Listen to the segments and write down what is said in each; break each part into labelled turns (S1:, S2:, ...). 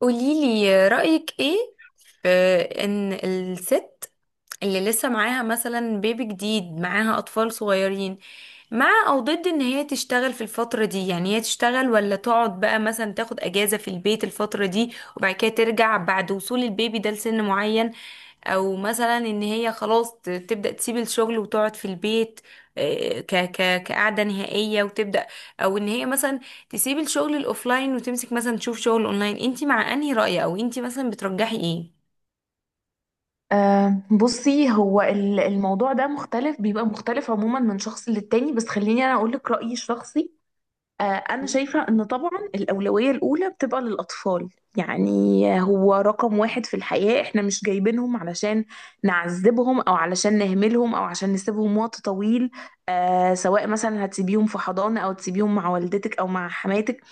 S1: قوليلي رأيك ايه في ان الست اللي لسه معاها مثلا بيبي جديد، معاها أطفال صغيرين، مع أو ضد ان هي تشتغل في الفترة دي؟ يعني هي تشتغل ولا تقعد بقى مثلا تاخد أجازة في البيت الفترة دي، وبعد كده ترجع بعد وصول البيبي ده لسن معين؟ او مثلا ان هي خلاص تبدأ تسيب الشغل وتقعد في البيت، ك ك كقعدة نهائية وتبدأ؟ او ان هي مثلا تسيبي الشغل الاوفلاين وتمسك مثلا تشوف شغل اونلاين، انتي مع انهي رأي، او انتي مثلا بترجحي ايه؟
S2: بصي، هو الموضوع ده مختلف، بيبقى مختلف عموما من شخص للتاني. بس خليني انا اقول لك رأيي الشخصي. انا شايفة ان طبعا الأولوية الأولى بتبقى للأطفال. يعني هو رقم واحد في الحياة. احنا مش جايبينهم علشان نعذبهم، او علشان نهملهم، او عشان نسيبهم وقت طويل. سواء مثلا هتسيبيهم في حضانة، او تسيبيهم مع والدتك، او مع حماتك.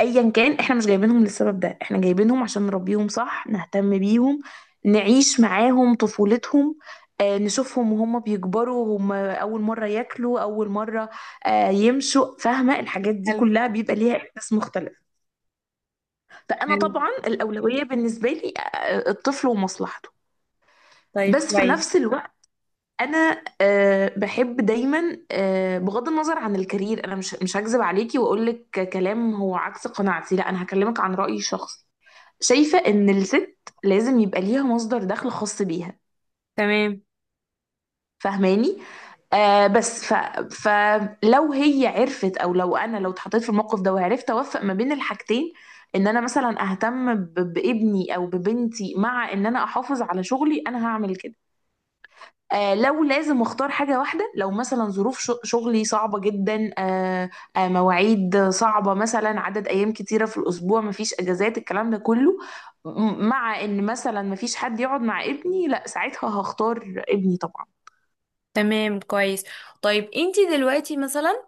S2: ايا كان، احنا مش جايبينهم للسبب ده، احنا جايبينهم عشان نربيهم صح، نهتم بيهم، نعيش معاهم طفولتهم. نشوفهم وهم بيكبروا، هم اول مره ياكلوا، اول مره يمشوا. فاهمه؟ الحاجات دي
S1: حلو.
S2: كلها بيبقى ليها احساس مختلف. فانا
S1: حلو.
S2: طبعا الاولويه بالنسبه لي الطفل ومصلحته.
S1: طيب،
S2: بس في نفس
S1: كويس.
S2: الوقت انا بحب دايما، بغض النظر عن الكارير، انا مش هكذب عليكي واقول لك كلام هو عكس قناعتي. لا، انا هكلمك عن رايي الشخصي. شايفة ان الست لازم يبقى ليها مصدر دخل خاص بيها.
S1: تمام.
S2: فاهماني؟ آه بس ف... فلو هي عرفت، او لو انا لو اتحطيت في الموقف ده وعرفت اوفق ما بين الحاجتين، ان انا مثلا اهتم بابني او ببنتي، مع ان انا احافظ على شغلي، انا هعمل كده. لو لازم اختار حاجة واحدة، لو مثلا ظروف شغلي صعبة جدا، مواعيد صعبة، مثلا عدد ايام كتيرة في الاسبوع، مفيش اجازات، الكلام ده كله، مع ان مثلا مفيش حد يقعد مع ابني، لا ساعتها هختار ابني طبعا.
S1: تمام، كويس. طيب، انتي دلوقتي مثلا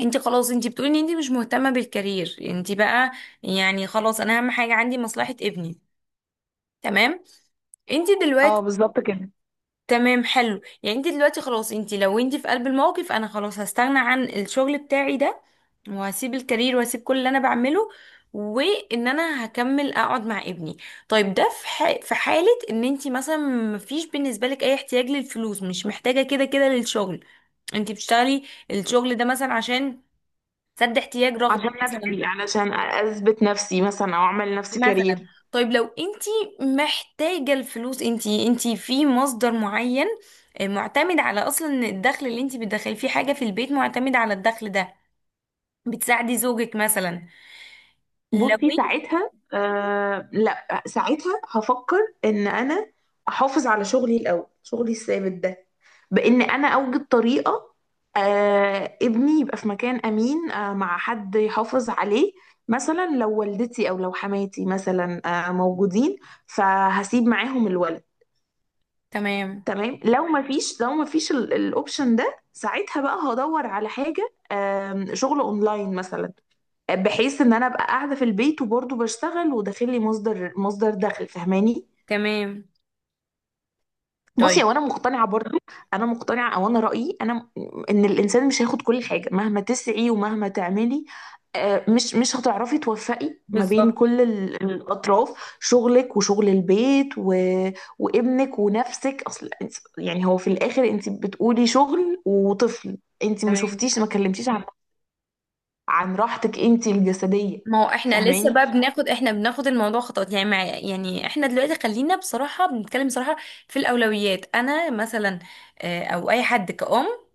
S1: انتي خلاص، انتي بتقولي ان انتي مش مهتمة بالكارير، انتي بقى يعني خلاص انا اهم حاجة عندي مصلحة ابني. تمام. انتي.
S2: اه، بالظبط كده.
S1: تمام، حلو. يعني انت دلوقتي خلاص انت، لو انت في قلب الموقف، انا خلاص هستغنى عن الشغل بتاعي ده، وهسيب الكارير، وهسيب كل اللي انا بعمله، وان انا هكمل اقعد مع ابني. طيب ده في في حالة ان انت مثلا مفيش بالنسبة لك اي احتياج للفلوس، مش محتاجة كده كده للشغل، انت بتشتغلي الشغل ده مثلا عشان سد احتياج، رغبة
S2: عشان
S1: مثلا.
S2: نفسي، علشان اثبت نفسي مثلا، او اعمل لنفسي
S1: مثلا.
S2: كارير.
S1: طيب لو انتي محتاجة الفلوس، انتي انتي في مصدر معين، معتمد على، اصلا إن الدخل اللي انتي بتدخلي فيه حاجة في البيت معتمد على الدخل ده، بتساعدي زوجك مثلا. لو
S2: بصي
S1: انت.
S2: ساعتها، لا ساعتها هفكر ان انا احافظ على شغلي الاول، شغلي الثابت ده، بان انا اوجد طريقه ابني يبقى في مكان امين، مع حد يحافظ عليه. مثلا لو والدتي او لو حماتي مثلا موجودين، فهسيب معاهم الولد.
S1: تمام.
S2: تمام. لو ما فيش الاوبشن ده ساعتها بقى هدور على حاجه، شغل اونلاين مثلا، بحيث ان انا ابقى قاعده في البيت وبرضه بشتغل، وداخل لي مصدر دخل. فاهماني؟
S1: تمام.
S2: بصي،
S1: طيب،
S2: هو انا مقتنعه برضه، انا مقتنعه، او انا رايي، ان الانسان مش هياخد كل حاجه مهما تسعي ومهما تعملي. مش هتعرفي توفقي ما بين
S1: بالظبط.
S2: كل الاطراف، شغلك وشغل البيت وابنك ونفسك. يعني هو في الاخر انت بتقولي شغل وطفل، انت ما
S1: تمام.
S2: شفتيش، ما كلمتيش عن عن راحتك انت الجسديه.
S1: ما هو احنا لسه
S2: فاهماني؟
S1: بقى بناخد الموضوع خطوات، يعني، مع، يعني احنا دلوقتي خلينا بصراحة بنتكلم بصراحة. في الاولويات، انا مثلا، او اي حد كأم،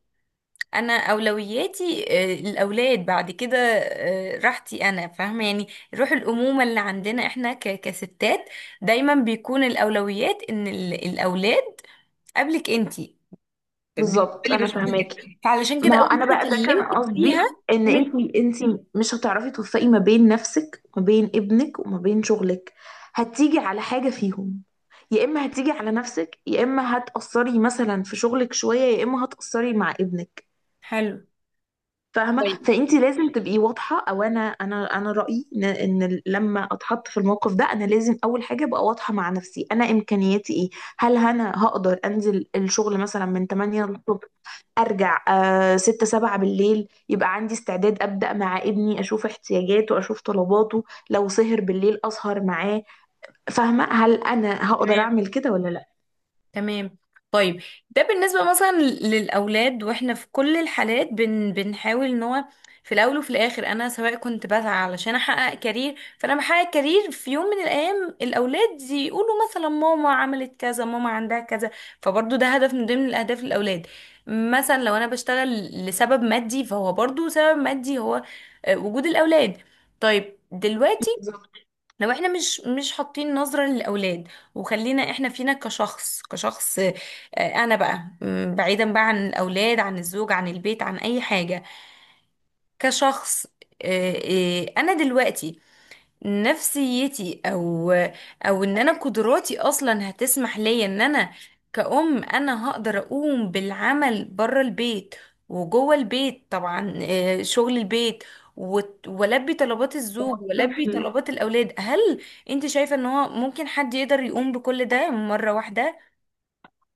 S1: انا اولوياتي الاولاد، بعد كده راحتي انا، فاهمه يعني. روح الامومه اللي عندنا احنا كستات، دايما بيكون الاولويات ان الاولاد قبلك انتي. بالنسبه
S2: بالظبط،
S1: لي
S2: انا
S1: بشوف كده.
S2: فاهماكي.
S1: فعلشان
S2: ما
S1: كده
S2: هو
S1: اول
S2: انا
S1: ما
S2: بقى ده كان
S1: كلمتك فيها
S2: قصدي، ان
S1: كانت...
S2: انتي مش هتعرفي توفقي ما بين نفسك وما بين ابنك وما بين شغلك، هتيجي على حاجة فيهم. يا اما هتيجي على نفسك، يا اما هتأثري مثلا في شغلك شوية، يا اما هتأثري مع ابنك.
S1: حلو.
S2: فاهمة؟
S1: طيب.
S2: فانتي لازم تبقي واضحة. او انا رأيي ان، إن لما اتحط في الموقف ده، انا لازم اول حاجة ابقى واضحة مع نفسي، انا امكانياتي ايه. هل انا هقدر انزل الشغل مثلا من 8 للصبح، ارجع ستة سبعة بالليل، يبقى عندي استعداد ابدا مع ابني، اشوف احتياجاته، اشوف طلباته، لو سهر بالليل اسهر معاه. فاهمه؟ هل انا هقدر
S1: تمام.
S2: اعمل كده ولا لا؟
S1: تمام. طيب، ده بالنسبة مثلا للأولاد، وإحنا في كل الحالات بنحاول إن هو في الأول وفي الآخر أنا، سواء كنت بسعى علشان أحقق كارير، فأنا بحقق كارير في يوم من الأيام، الأولاد يقولوا مثلا ماما عملت كذا، ماما عندها كذا. فبرضو ده هدف من ضمن الأهداف، الأولاد. مثلا لو أنا بشتغل لسبب مادي، فهو برضو سبب مادي هو وجود الأولاد. طيب دلوقتي،
S2: بالظبط.
S1: لو احنا مش حاطين نظرة للأولاد، وخلينا احنا فينا كشخص انا بقى، بعيدا بقى عن الأولاد، عن الزوج، عن البيت، عن أي حاجة، كشخص، آه، انا دلوقتي نفسيتي او ان انا قدراتي اصلا هتسمح لي ان انا كأم انا هقدر اقوم بالعمل بره البيت وجوه البيت، طبعا، شغل البيت والبي طلبات الزوج والبي
S2: والطفل.
S1: طلبات الاولاد، هل انت شايفة ان هو ممكن حد يقدر يقوم بكل ده مرة واحدة؟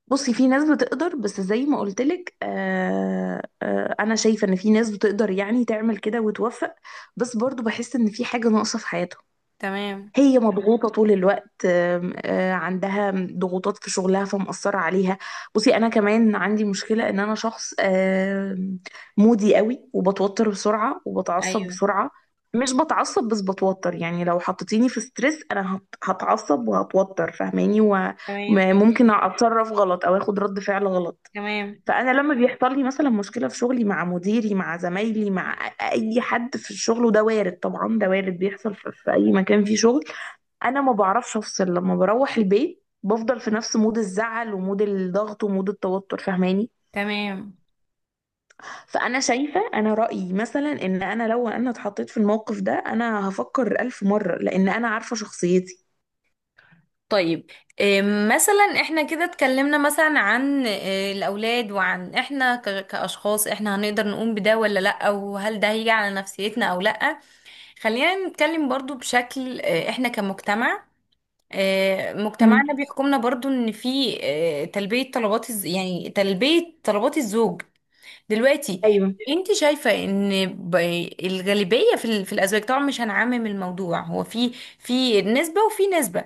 S2: بصي في ناس بتقدر، بس زي ما قلت لك، انا شايفه ان في ناس بتقدر يعني تعمل كده وتوفق، بس برضو بحس ان في حاجه ناقصه في حياتهم.
S1: تمام.
S2: هي مضغوطة طول الوقت، آم، آه، عندها ضغوطات في شغلها فمأثرة عليها. بصي، أنا كمان عندي مشكلة إن أنا شخص مودي قوي، وبتوتر بسرعة وبتعصب
S1: ايوه.
S2: بسرعة. مش بتعصب، بس بتوتر. يعني لو حطيتيني في ستريس، أنا هتعصب وهتوتر. فاهماني؟
S1: تمام.
S2: وممكن أتصرف غلط أو أخد رد فعل غلط.
S1: تمام.
S2: فأنا لما بيحصل لي مثلا مشكلة في شغلي، مع مديري، مع زمايلي، مع أي حد في الشغل. وده وارد طبعا، ده وارد بيحصل في أي مكان فيه شغل. انا ما بعرفش افصل لما بروح البيت، بفضل في نفس مود الزعل ومود الضغط ومود التوتر. فاهماني؟
S1: تمام.
S2: فانا شايفه، انا رايي مثلا ان انا، لو انا اتحطيت في الموقف ده، انا هفكر الف مره، لان انا عارفه شخصيتي.
S1: طيب، إيه مثلا، احنا كده اتكلمنا مثلا عن إيه الاولاد، وعن احنا كاشخاص احنا هنقدر نقوم بده ولا لا، وهل ده هيجي على نفسيتنا او لا. خلينا نتكلم برضو، بشكل إيه، احنا كمجتمع، إيه
S2: مم.
S1: مجتمعنا بيحكمنا برضو ان في إيه تلبية طلبات يعني تلبية طلبات الزوج. دلوقتي،
S2: ايوه.
S1: انت شايفة ان الغالبية في في الازواج، طبعا مش هنعمم الموضوع، هو في نسبة وفي نسبة،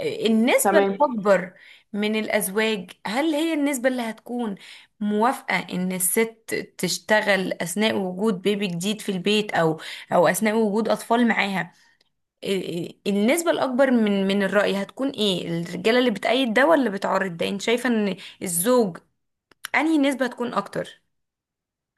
S1: النسبة
S2: تمام.
S1: الأكبر من الأزواج، هل هي النسبة اللي هتكون موافقة إن الست تشتغل أثناء وجود بيبي جديد في البيت، أو أثناء وجود أطفال معاها، النسبة الأكبر من الرأي هتكون إيه، الرجالة اللي بتأيد ده ولا بتعارض ده؟ أنت شايفة إن الزوج أنهي نسبة هتكون أكتر؟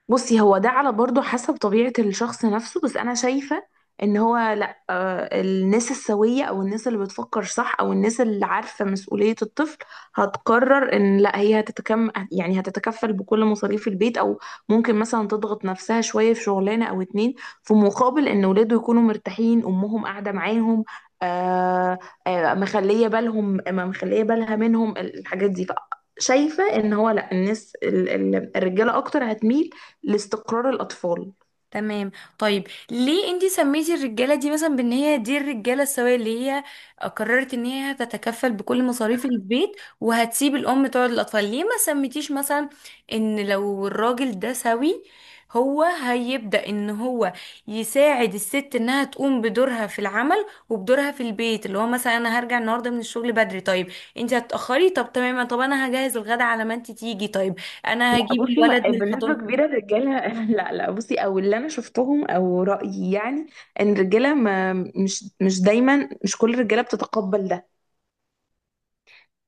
S2: بصي، هو ده على برضه حسب طبيعة الشخص نفسه. بس أنا شايفة إن هو لأ، الناس السوية، أو الناس اللي بتفكر صح، أو الناس اللي عارفة مسؤولية الطفل، هتقرر إن لأ، هي هتتكم يعني هتتكفل بكل مصاريف البيت، أو ممكن مثلا تضغط نفسها شوية في شغلانة أو اتنين، في مقابل إن ولاده يكونوا مرتاحين، أمهم قاعدة معاهم. آه مخلية بالهم، ما مخلية بالها منهم الحاجات دي. شايفة ان هو، لا، الناس الرجالة اكتر هتميل لاستقرار الأطفال.
S1: تمام. طيب، ليه انتي سميتي الرجاله دي مثلا بان هي دي الرجاله السويه، اللي هي قررت ان هي هتتكفل بكل مصاريف البيت وهتسيب الام تقعد للاطفال؟ ليه ما سميتيش مثلا ان لو الراجل ده سوي، هو هيبدأ ان هو يساعد الست انها تقوم بدورها في العمل وبدورها في البيت، اللي هو مثلا انا هرجع النهارده من الشغل بدري، طيب انتي هتتأخري، طب تمام، طب انا هجهز الغدا على ما انتي تيجي، طيب انا
S2: لا
S1: هجيب
S2: بصي،
S1: الولد
S2: ما
S1: من
S2: بنسبة
S1: الحضانة.
S2: كبيرة الرجالة لا، لا، بصي، او اللي انا شفتهم او رأيي يعني ان الرجالة ما، مش دايما، مش كل الرجالة بتتقبل ده.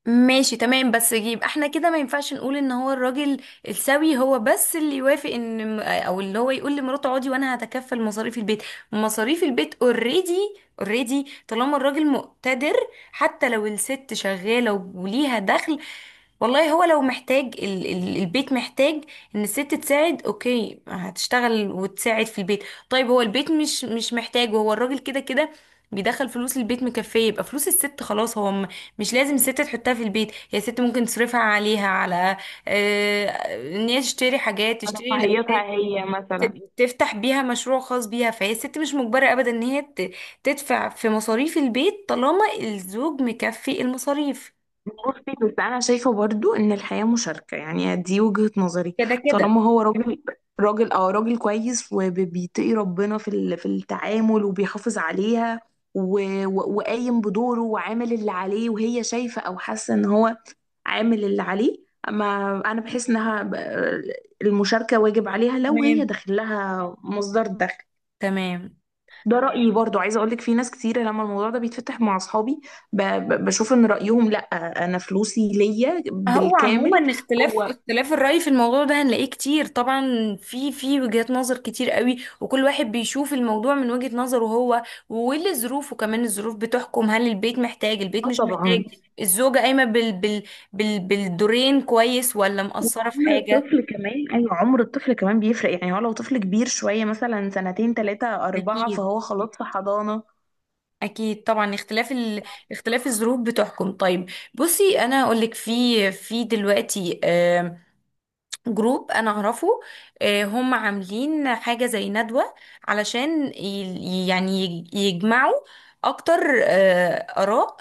S1: ماشي. تمام. بس يبقى احنا كده ما ينفعش نقول ان هو الراجل السوي هو بس اللي يوافق ان او اللي هو يقول لمراته اقعدي وانا هتكفل مصاريف البيت. مصاريف البيت اوريدي، اوريدي طالما الراجل مقتدر، حتى لو الست شغالة وليها دخل، والله هو لو محتاج ال ال البيت محتاج ان الست تساعد، اوكي هتشتغل وتساعد في البيت. طيب هو البيت مش محتاج، وهو الراجل كده كده بيدخل فلوس البيت مكفية، يبقى فلوس الست خلاص، هو مش لازم الست تحطها في البيت، هي الست ممكن تصرفها عليها، على آه، ان هي تشتري حاجات،
S2: على
S1: تشتري
S2: رفاهيتها
S1: الاولاد،
S2: هي مثلا.
S1: تفتح بيها مشروع خاص بيها، فهي الست مش مجبرة ابدا ان هي تدفع في مصاريف البيت طالما الزوج مكفي المصاريف.
S2: بصي، بس انا شايفة برضو ان الحياة مشاركة. يعني دي وجهة نظري.
S1: كده كده.
S2: طالما هو راجل، راجل كويس، وبيتقي ربنا في في التعامل، وبيحافظ عليها، وقايم بدوره، وعامل اللي عليه، وهي شايفة او حاسة ان هو عامل اللي عليه. اما انا بحس انها، المشاركه واجب عليها لو هي
S1: تمام.
S2: داخل لها مصدر دخل.
S1: تمام.
S2: ده رايي برضو. عايزه اقول لك، في ناس كتير لما الموضوع ده بيتفتح مع اصحابي بشوف ان رايهم لا، انا فلوسي ليا
S1: هو
S2: بالكامل.
S1: عموما اختلاف
S2: هو،
S1: اختلاف الرأي في الموضوع ده هنلاقيه كتير طبعا. في وجهات نظر كتير قوي، وكل واحد بيشوف الموضوع من وجهة نظره هو، واللي ظروفه كمان، الظروف بتحكم، هل البيت محتاج، البيت
S2: اه،
S1: مش محتاج،
S2: طبعا.
S1: الزوجة قايمة بالدورين كويس ولا مقصرة في
S2: وعمر
S1: حاجة.
S2: الطفل كمان. ايوه، عمر الطفل كمان بيفرق. يعني هو لو طفل كبير شويه، مثلا سنتين، ثلاثه، اربعه،
S1: أكيد.
S2: فهو خلاص في حضانه.
S1: أكيد طبعا، اختلاف الظروف بتحكم. طيب، بصي أنا هقولك، في دلوقتي جروب انا اعرفه، هم عاملين حاجة زي ندوة علشان يعني يجمعوا اكتر اراء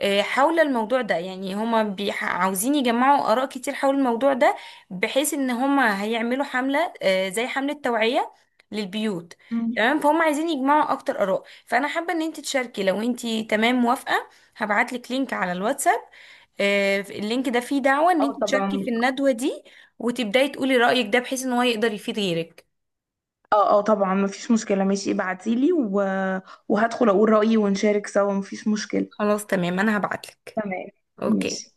S1: حول الموضوع ده. يعني هم عاوزين يجمعوا اراء كتير حول الموضوع ده، بحيث ان هم هيعملوا حملة زي حملة توعية للبيوت.
S2: مم.
S1: تمام. فهم عايزين يجمعوا اكتر اراء، فانا حابة ان انت تشاركي لو انت تمام موافقة. هبعتلك لينك على الواتساب، اللينك ده فيه دعوة ان
S2: اه
S1: انت تشاركي
S2: طبعا.
S1: في الندوة دي، وتبداي تقولي رأيك ده بحيث ان هو يقدر يفيد غيرك.
S2: اه، اه، طبعا مفيش مشكلة. ماشي، ابعتيلي وهدخل اقول رأيي ونشارك سوا. مفيش مشكلة.
S1: خلاص. تمام. انا هبعتلك.
S2: تمام.
S1: اوكي.
S2: ماشي.